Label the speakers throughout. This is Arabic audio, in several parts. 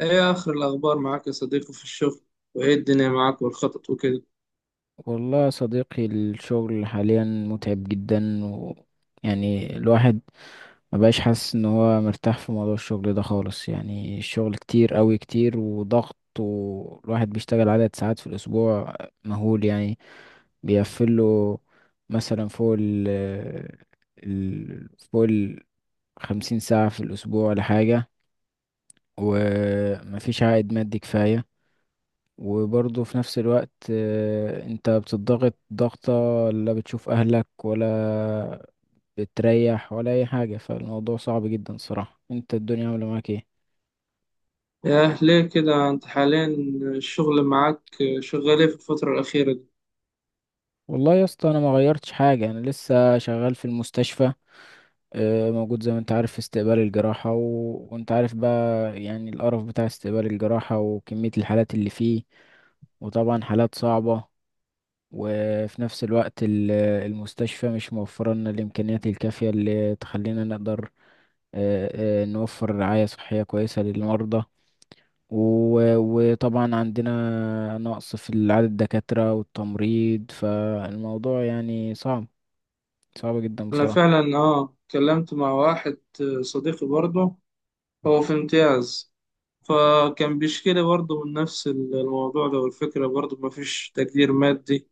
Speaker 1: ايه اخر الاخبار معاك يا صديقي في الشغل؟ وايه الدنيا معاك والخطط وكده؟
Speaker 2: والله يا صديقي، الشغل حاليا متعب جدا، و يعني الواحد ما بقاش حاسس ان هو مرتاح في موضوع الشغل ده خالص. يعني الشغل كتير قوي كتير وضغط، والواحد بيشتغل عدد ساعات في الاسبوع مهول يعني، بيقفله مثلا فوق ال 50 ساعة في الاسبوع ولا حاجة، ومفيش عائد مادي كفاية. وبرضه في نفس الوقت، انت بتضغط ضغطة، لا بتشوف اهلك ولا بتريح ولا اي حاجة. فالموضوع صعب جدا صراحة. انت الدنيا عاملة معاك ايه؟
Speaker 1: ياه ليه كده، انت حاليا الشغل معاك شغال ايه في الفترة الأخيرة دي؟
Speaker 2: والله يا اسطى، انا ما غيرتش حاجة، انا لسه شغال في المستشفى، موجود زي ما انت عارف في استقبال الجراحة وانت عارف بقى يعني القرف بتاع استقبال الجراحة وكمية الحالات اللي فيه، وطبعا حالات صعبة. وفي نفس الوقت المستشفى مش موفرة لنا الإمكانيات الكافية اللي تخلينا نقدر آه، نوفر رعاية صحية كويسة للمرضى. و- وطبعا عندنا نقص في عدد الدكاترة والتمريض، فالموضوع يعني صعب، صعب جدا
Speaker 1: انا
Speaker 2: بصراحة.
Speaker 1: فعلا اتكلمت مع واحد صديقي برضه، هو في امتياز، فكان بيشكي لي برضه من نفس الموضوع ده، والفكرة برضه مفيش تقدير مادي،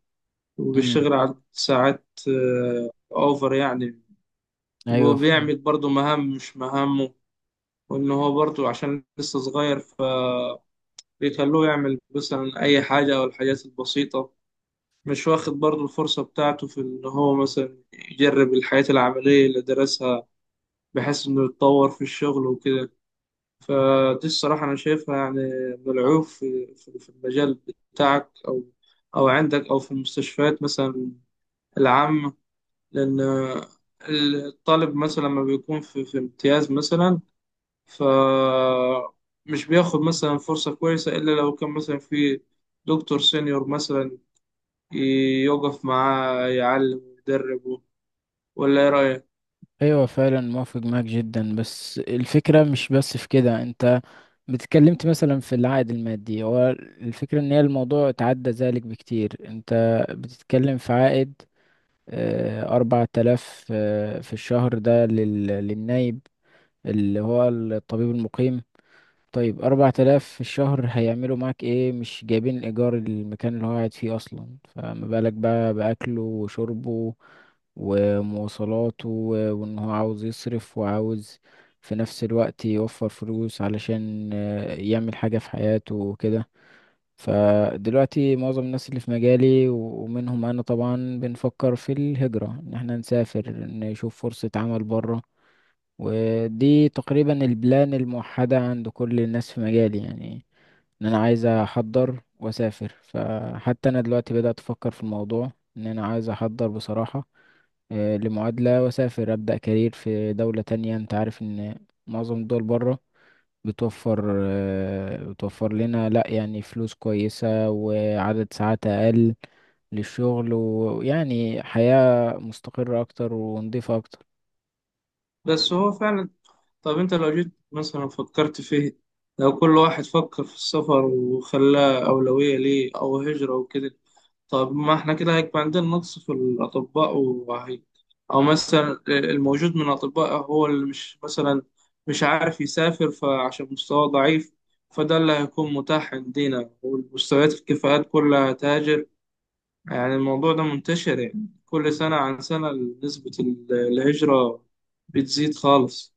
Speaker 2: مم.
Speaker 1: وبيشتغل على ساعات اوفر يعني.
Speaker 2: أيوة.
Speaker 1: وبيعمل برضه مهام مش مهامه، وان هو برضه عشان لسه صغير بيخلوه يعمل مثلا أي حاجة أو الحاجات البسيطة، مش واخد برضه الفرصة بتاعته في إن هو مثلا يجرب الحياة العملية اللي درسها بحيث إنه يتطور في الشغل وكده. فدي الصراحة أنا شايفها يعني من العيوب في المجال بتاعك، أو عندك، أو في المستشفيات مثلا العامة، لأن الطالب مثلا لما بيكون في امتياز مثلا، ف مش بياخد مثلا فرصة كويسة إلا لو كان مثلا في دكتور سينيور مثلا يقف معاه يعلم ويدربه. ولا إيه رأيك؟
Speaker 2: ايوه فعلا موافق معاك جدا، بس الفكره مش بس في كده. انت اتكلمت مثلا في العائد المادي، هو الفكره ان هي الموضوع اتعدى ذلك بكتير. انت بتتكلم في عائد، 4000، في الشهر ده لل... للنايب اللي هو الطبيب المقيم. طيب 4000 في الشهر هيعملوا معاك إيه؟ مش جايبين الإيجار المكان اللي هو قاعد فيه أصلا، فما بالك بقى بأكله وشربه ومواصلاته، و- وإن هو عاوز يصرف، وعاوز في نفس الوقت يوفر فلوس علشان يعمل حاجة في حياته وكده. فدلوقتي معظم الناس اللي في مجالي، و- ومنهم أنا طبعا، بنفكر في الهجرة، إن احنا نسافر نشوف فرصة عمل برا. ودي تقريبا البلان الموحدة عند كل الناس في مجالي يعني، ان انا عايز احضر واسافر. فحتى انا دلوقتي بدأت افكر في الموضوع، ان انا عايز احضر بصراحة لمعادلة واسافر، ابدأ كارير في دولة تانية. انت عارف ان معظم الدول بره بتوفر، بتوفر لنا لا يعني فلوس كويسة وعدد ساعات اقل للشغل، ويعني حياة مستقرة اكتر ونضيفة اكتر.
Speaker 1: بس هو فعلا، طب أنت لو جيت مثلا فكرت فيه، لو كل واحد فكر في السفر وخلاه أولوية ليه أو هجرة وكده، طب ما احنا كده هيبقى عندنا نقص في الأطباء وهي، أو مثلا الموجود من الأطباء هو اللي مش مثلا مش عارف يسافر فعشان مستواه ضعيف، فده اللي هيكون متاح عندنا والمستويات الكفاءات كلها تهاجر. يعني الموضوع ده منتشر، يعني كل سنة عن سنة نسبة الهجرة بتزيد خالص.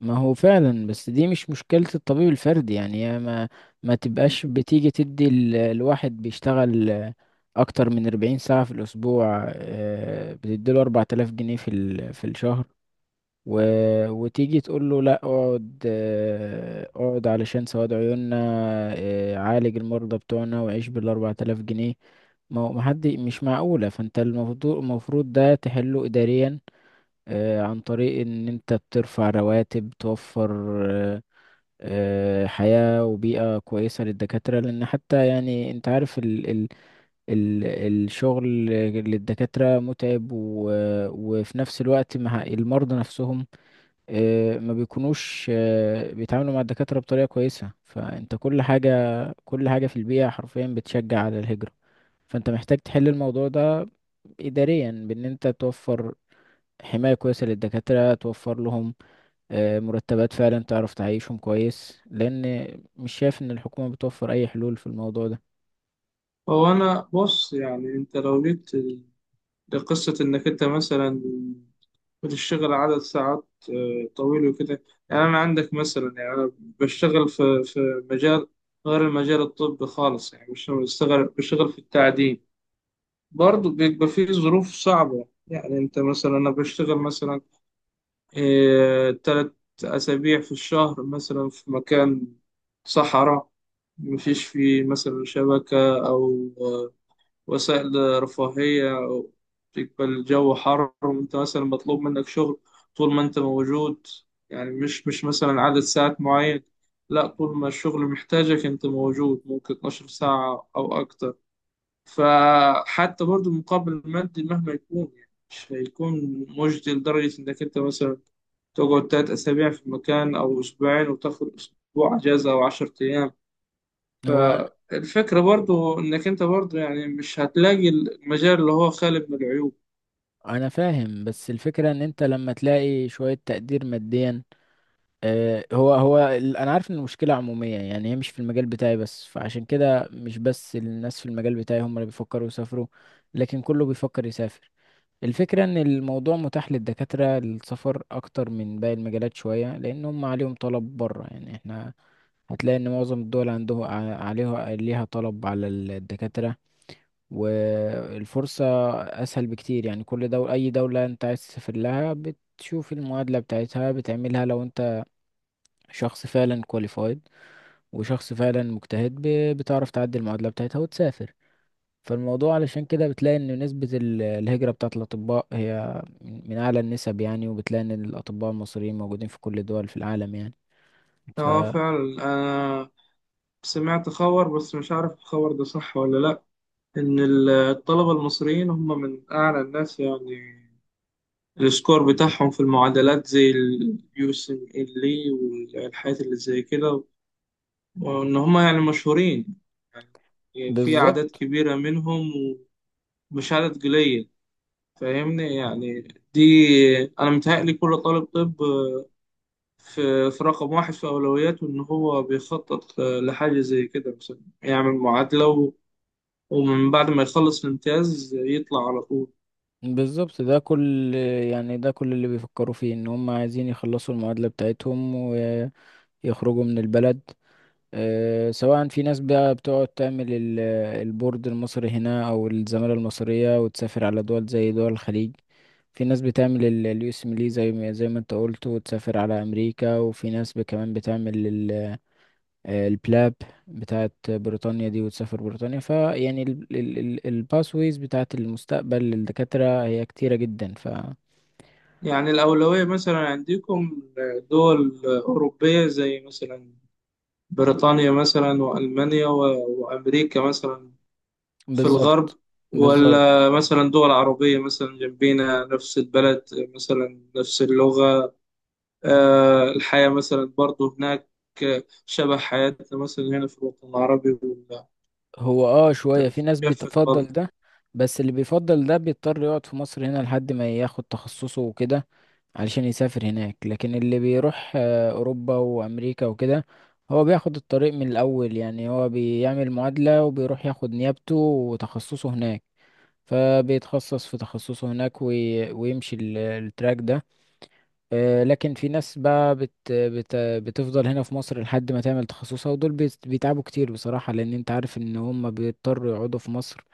Speaker 2: ما هو فعلا، بس دي مش مشكلة الطبيب الفردي يعني. هي ما تبقاش بتيجي تدي الواحد بيشتغل، أكتر من 40 ساعة في الأسبوع، بتديله 4000 جنيه في الشهر، و... وتيجي تقول له لا، اقعد، اقعد علشان سواد عيوننا، عالج المرضى بتوعنا وعيش بالـ4000 جنيه. ما هو ما حد، مش معقولة. فأنت المفروض، ده تحله إداريا، عن طريق ان انت بترفع رواتب، توفر آه، حياة وبيئة كويسة للدكاترة. لان حتى يعني انت عارف ال الشغل للدكاترة متعب، و وفي نفس الوقت مع المرضى نفسهم، ما بيكونوش بيتعاملوا مع الدكاترة بطريقة كويسة. فانت كل حاجة، كل حاجة في البيئة حرفيا بتشجع على الهجرة. فانت محتاج تحل الموضوع ده إداريا، بان انت توفر حماية كويسة للدكاترة، توفر لهم مرتبات فعلا تعرف تعيشهم كويس. لان مش شايف ان الحكومة بتوفر اي حلول في الموضوع ده.
Speaker 1: هو أنا بص، يعني أنت لو جيت لقصة إنك أنت مثلا بتشتغل عدد ساعات طويل وكده، يعني أنا عندك مثلا، يعني أنا بشتغل في مجال غير المجال الطبي خالص، يعني مش بشتغل في التعدين، برضه بيبقى فيه ظروف صعبة. يعني أنت مثلا، أنا بشتغل مثلا 3 أسابيع في الشهر مثلا في مكان صحراء، مفيش فيه مثلا شبكة أو وسائل رفاهية، تبقى الجو حر وأنت مثلا مطلوب منك شغل طول ما أنت موجود. يعني مش مثلا عدد ساعات معين، لا طول ما الشغل محتاجك أنت موجود، ممكن 12 ساعة أو أكتر. فحتى برضو المقابل المادي مهما يكون يعني مش هيكون مجدي لدرجة إنك أنت مثلا تقعد 3 أسابيع في مكان أو أسبوعين وتاخد أسبوع أجازة أو 10 أيام.
Speaker 2: هو
Speaker 1: فالفكرة برضو إنك أنت برضو يعني مش هتلاقي المجال اللي هو خالي من العيوب.
Speaker 2: انا فاهم، بس الفكرة ان انت لما تلاقي شوية تقدير ماديا، انا عارف ان المشكلة عمومية يعني، هي مش في المجال بتاعي بس. فعشان كده مش بس الناس في المجال بتاعي هم اللي بيفكروا يسافروا، لكن كله بيفكر يسافر. الفكرة ان الموضوع متاح للدكاترة للسفر اكتر من باقي المجالات شوية، لان هم عليهم طلب بره يعني. احنا هتلاقي ان معظم الدول عندهم، عليها ليها طلب على الدكاترة، والفرصة اسهل بكتير يعني. كل دولة، اي دولة انت عايز تسافر لها، بتشوف المعادلة بتاعتها بتعملها. لو انت شخص فعلا كواليفايد، وشخص فعلا مجتهد، ب- بتعرف تعدي المعادلة بتاعتها وتسافر. فالموضوع علشان كده بتلاقي ان نسبة الهجرة بتاعة الأطباء هي من أعلى النسب يعني، وبتلاقي ان الأطباء المصريين موجودين في كل الدول في العالم يعني، ف...
Speaker 1: اه فعلا، أنا سمعت خبر بس مش عارف الخبر ده صح ولا لأ، إن الطلبة المصريين هم من أعلى الناس يعني، السكور بتاعهم في المعادلات زي اليو اس ام ال والحاجات اللي زي كده، وإن هم يعني مشهورين، يعني في أعداد
Speaker 2: بالظبط.
Speaker 1: كبيرة منهم ومش عدد قليل، فاهمني يعني. دي انا متهيألي كل طالب طب في رقم واحد في اولوياته ان هو بيخطط لحاجه زي كده، مثلا يعمل معادله ومن بعد ما يخلص الامتياز يطلع على طول.
Speaker 2: بالظبط ده كل يعني ده كل اللي بيفكروا فيه، ان هم عايزين يخلصوا المعادلة بتاعتهم ويخرجوا من البلد. سواء في ناس بقى بتقعد تعمل البورد المصري هنا او الزمالة المصرية وتسافر على دول زي دول الخليج، في ناس بتعمل اليو اس ميلي زي ما انت قلت وتسافر على امريكا، وفي ناس كمان بتعمل البلاب بتاعت بريطانيا دي وتسافر بريطانيا. فيعني الباسويز بتاعت المستقبل للدكاترة هي كتيرة جدا، ف...
Speaker 1: يعني الاولويه مثلا عندكم دول اوروبيه زي مثلا بريطانيا مثلا والمانيا وامريكا مثلا في الغرب،
Speaker 2: بالظبط. بالظبط
Speaker 1: ولا مثلا دول عربيه مثلا جنبينا نفس البلد، مثلا نفس اللغه، الحياة مثلا برضو هناك شبه حياتنا مثلا هنا في الوطن العربي،
Speaker 2: هو اه شوية في ناس
Speaker 1: وتتجفف
Speaker 2: بتفضل
Speaker 1: برضه.
Speaker 2: ده، بس اللي بيفضل ده بيضطر يقعد في مصر هنا لحد ما ياخد تخصصه وكده علشان يسافر هناك. لكن اللي بيروح أوروبا وأمريكا وكده، هو بياخد الطريق من الأول يعني، هو بيعمل معادلة وبيروح ياخد نيابته وتخصصه هناك. فبيتخصص في تخصصه هناك، وي- ويمشي التراك ده، لكن في ناس بقى بت بت بتفضل هنا في مصر لحد ما تعمل تخصصها، ودول بيتعبوا كتير بصراحة. لأن أنت عارف إن هم بيضطروا يقعدوا في مصر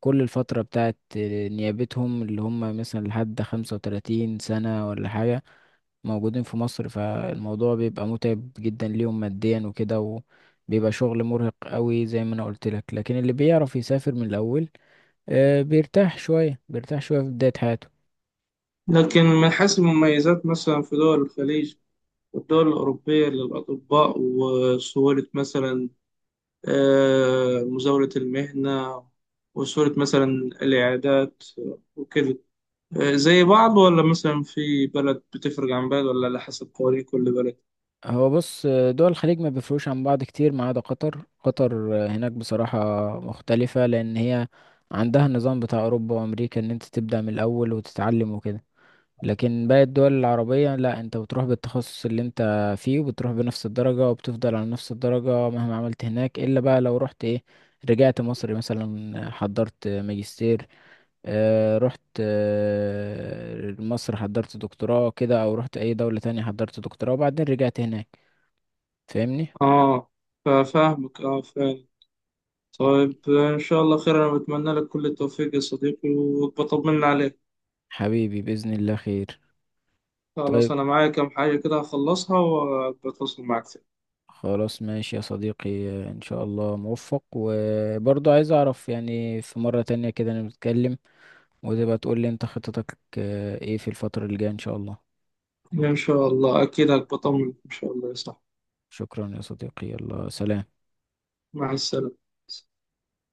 Speaker 2: كل الفترة بتاعت نيابتهم، اللي هم مثلا لحد 35 سنة ولا حاجة موجودين في مصر. فالموضوع بيبقى متعب جدا ليهم ماديا وكده، وبيبقى شغل مرهق قوي زي ما أنا قلت لك. لكن اللي بيعرف يسافر من الأول، بيرتاح شوية، بيرتاح شوية في بداية حياته.
Speaker 1: لكن من حيث المميزات مثلا في دول الخليج والدول الأوروبية للأطباء، وسهولة مثلا مزاولة المهنة، وسهولة مثلا العيادات وكده، زي بعض ولا مثلا في بلد بتفرق عن بلد ولا على حسب قوانين كل بلد؟
Speaker 2: هو بص، دول الخليج ما بيفرقوش عن بعض كتير، ما عدا قطر. قطر، هناك بصراحة مختلفة، لأن هي عندها النظام بتاع أوروبا وأمريكا، إن أنت تبدأ من الأول وتتعلم وكده. لكن باقي الدول العربية لا، أنت بتروح بالتخصص اللي أنت فيه، وبتروح بنفس الدرجة، وبتفضل على نفس الدرجة مهما عملت هناك، إلا بقى لو رحت إيه، رجعت مصر مثلا، حضرت ماجستير، رحت، مصر حضرت دكتوراه كده، او رحت اي دولة تانية حضرت دكتوراه وبعدين رجعت هناك. فاهمني؟
Speaker 1: اه فاهمك، اه فاهم. طيب إن شاء الله خير، أنا بتمنى لك كل التوفيق يا صديقي وبطمن عليك.
Speaker 2: حبيبي بإذن الله خير.
Speaker 1: خلاص
Speaker 2: طيب
Speaker 1: أنا معايا كام حاجة كده هخلصها وبتواصل معك
Speaker 2: خلاص ماشي يا صديقي، ان شاء الله موفق. وبرضه عايز اعرف يعني، في مرة تانية كده نتكلم، وتبقى تقول لي انت خطتك، ايه في الفترة الجاية ان شاء الله.
Speaker 1: تاني إن شاء الله. أكيد هبطمن إن شاء الله يا صاحبي.
Speaker 2: شكرا يا صديقي، يلا سلام.
Speaker 1: مع السلامة.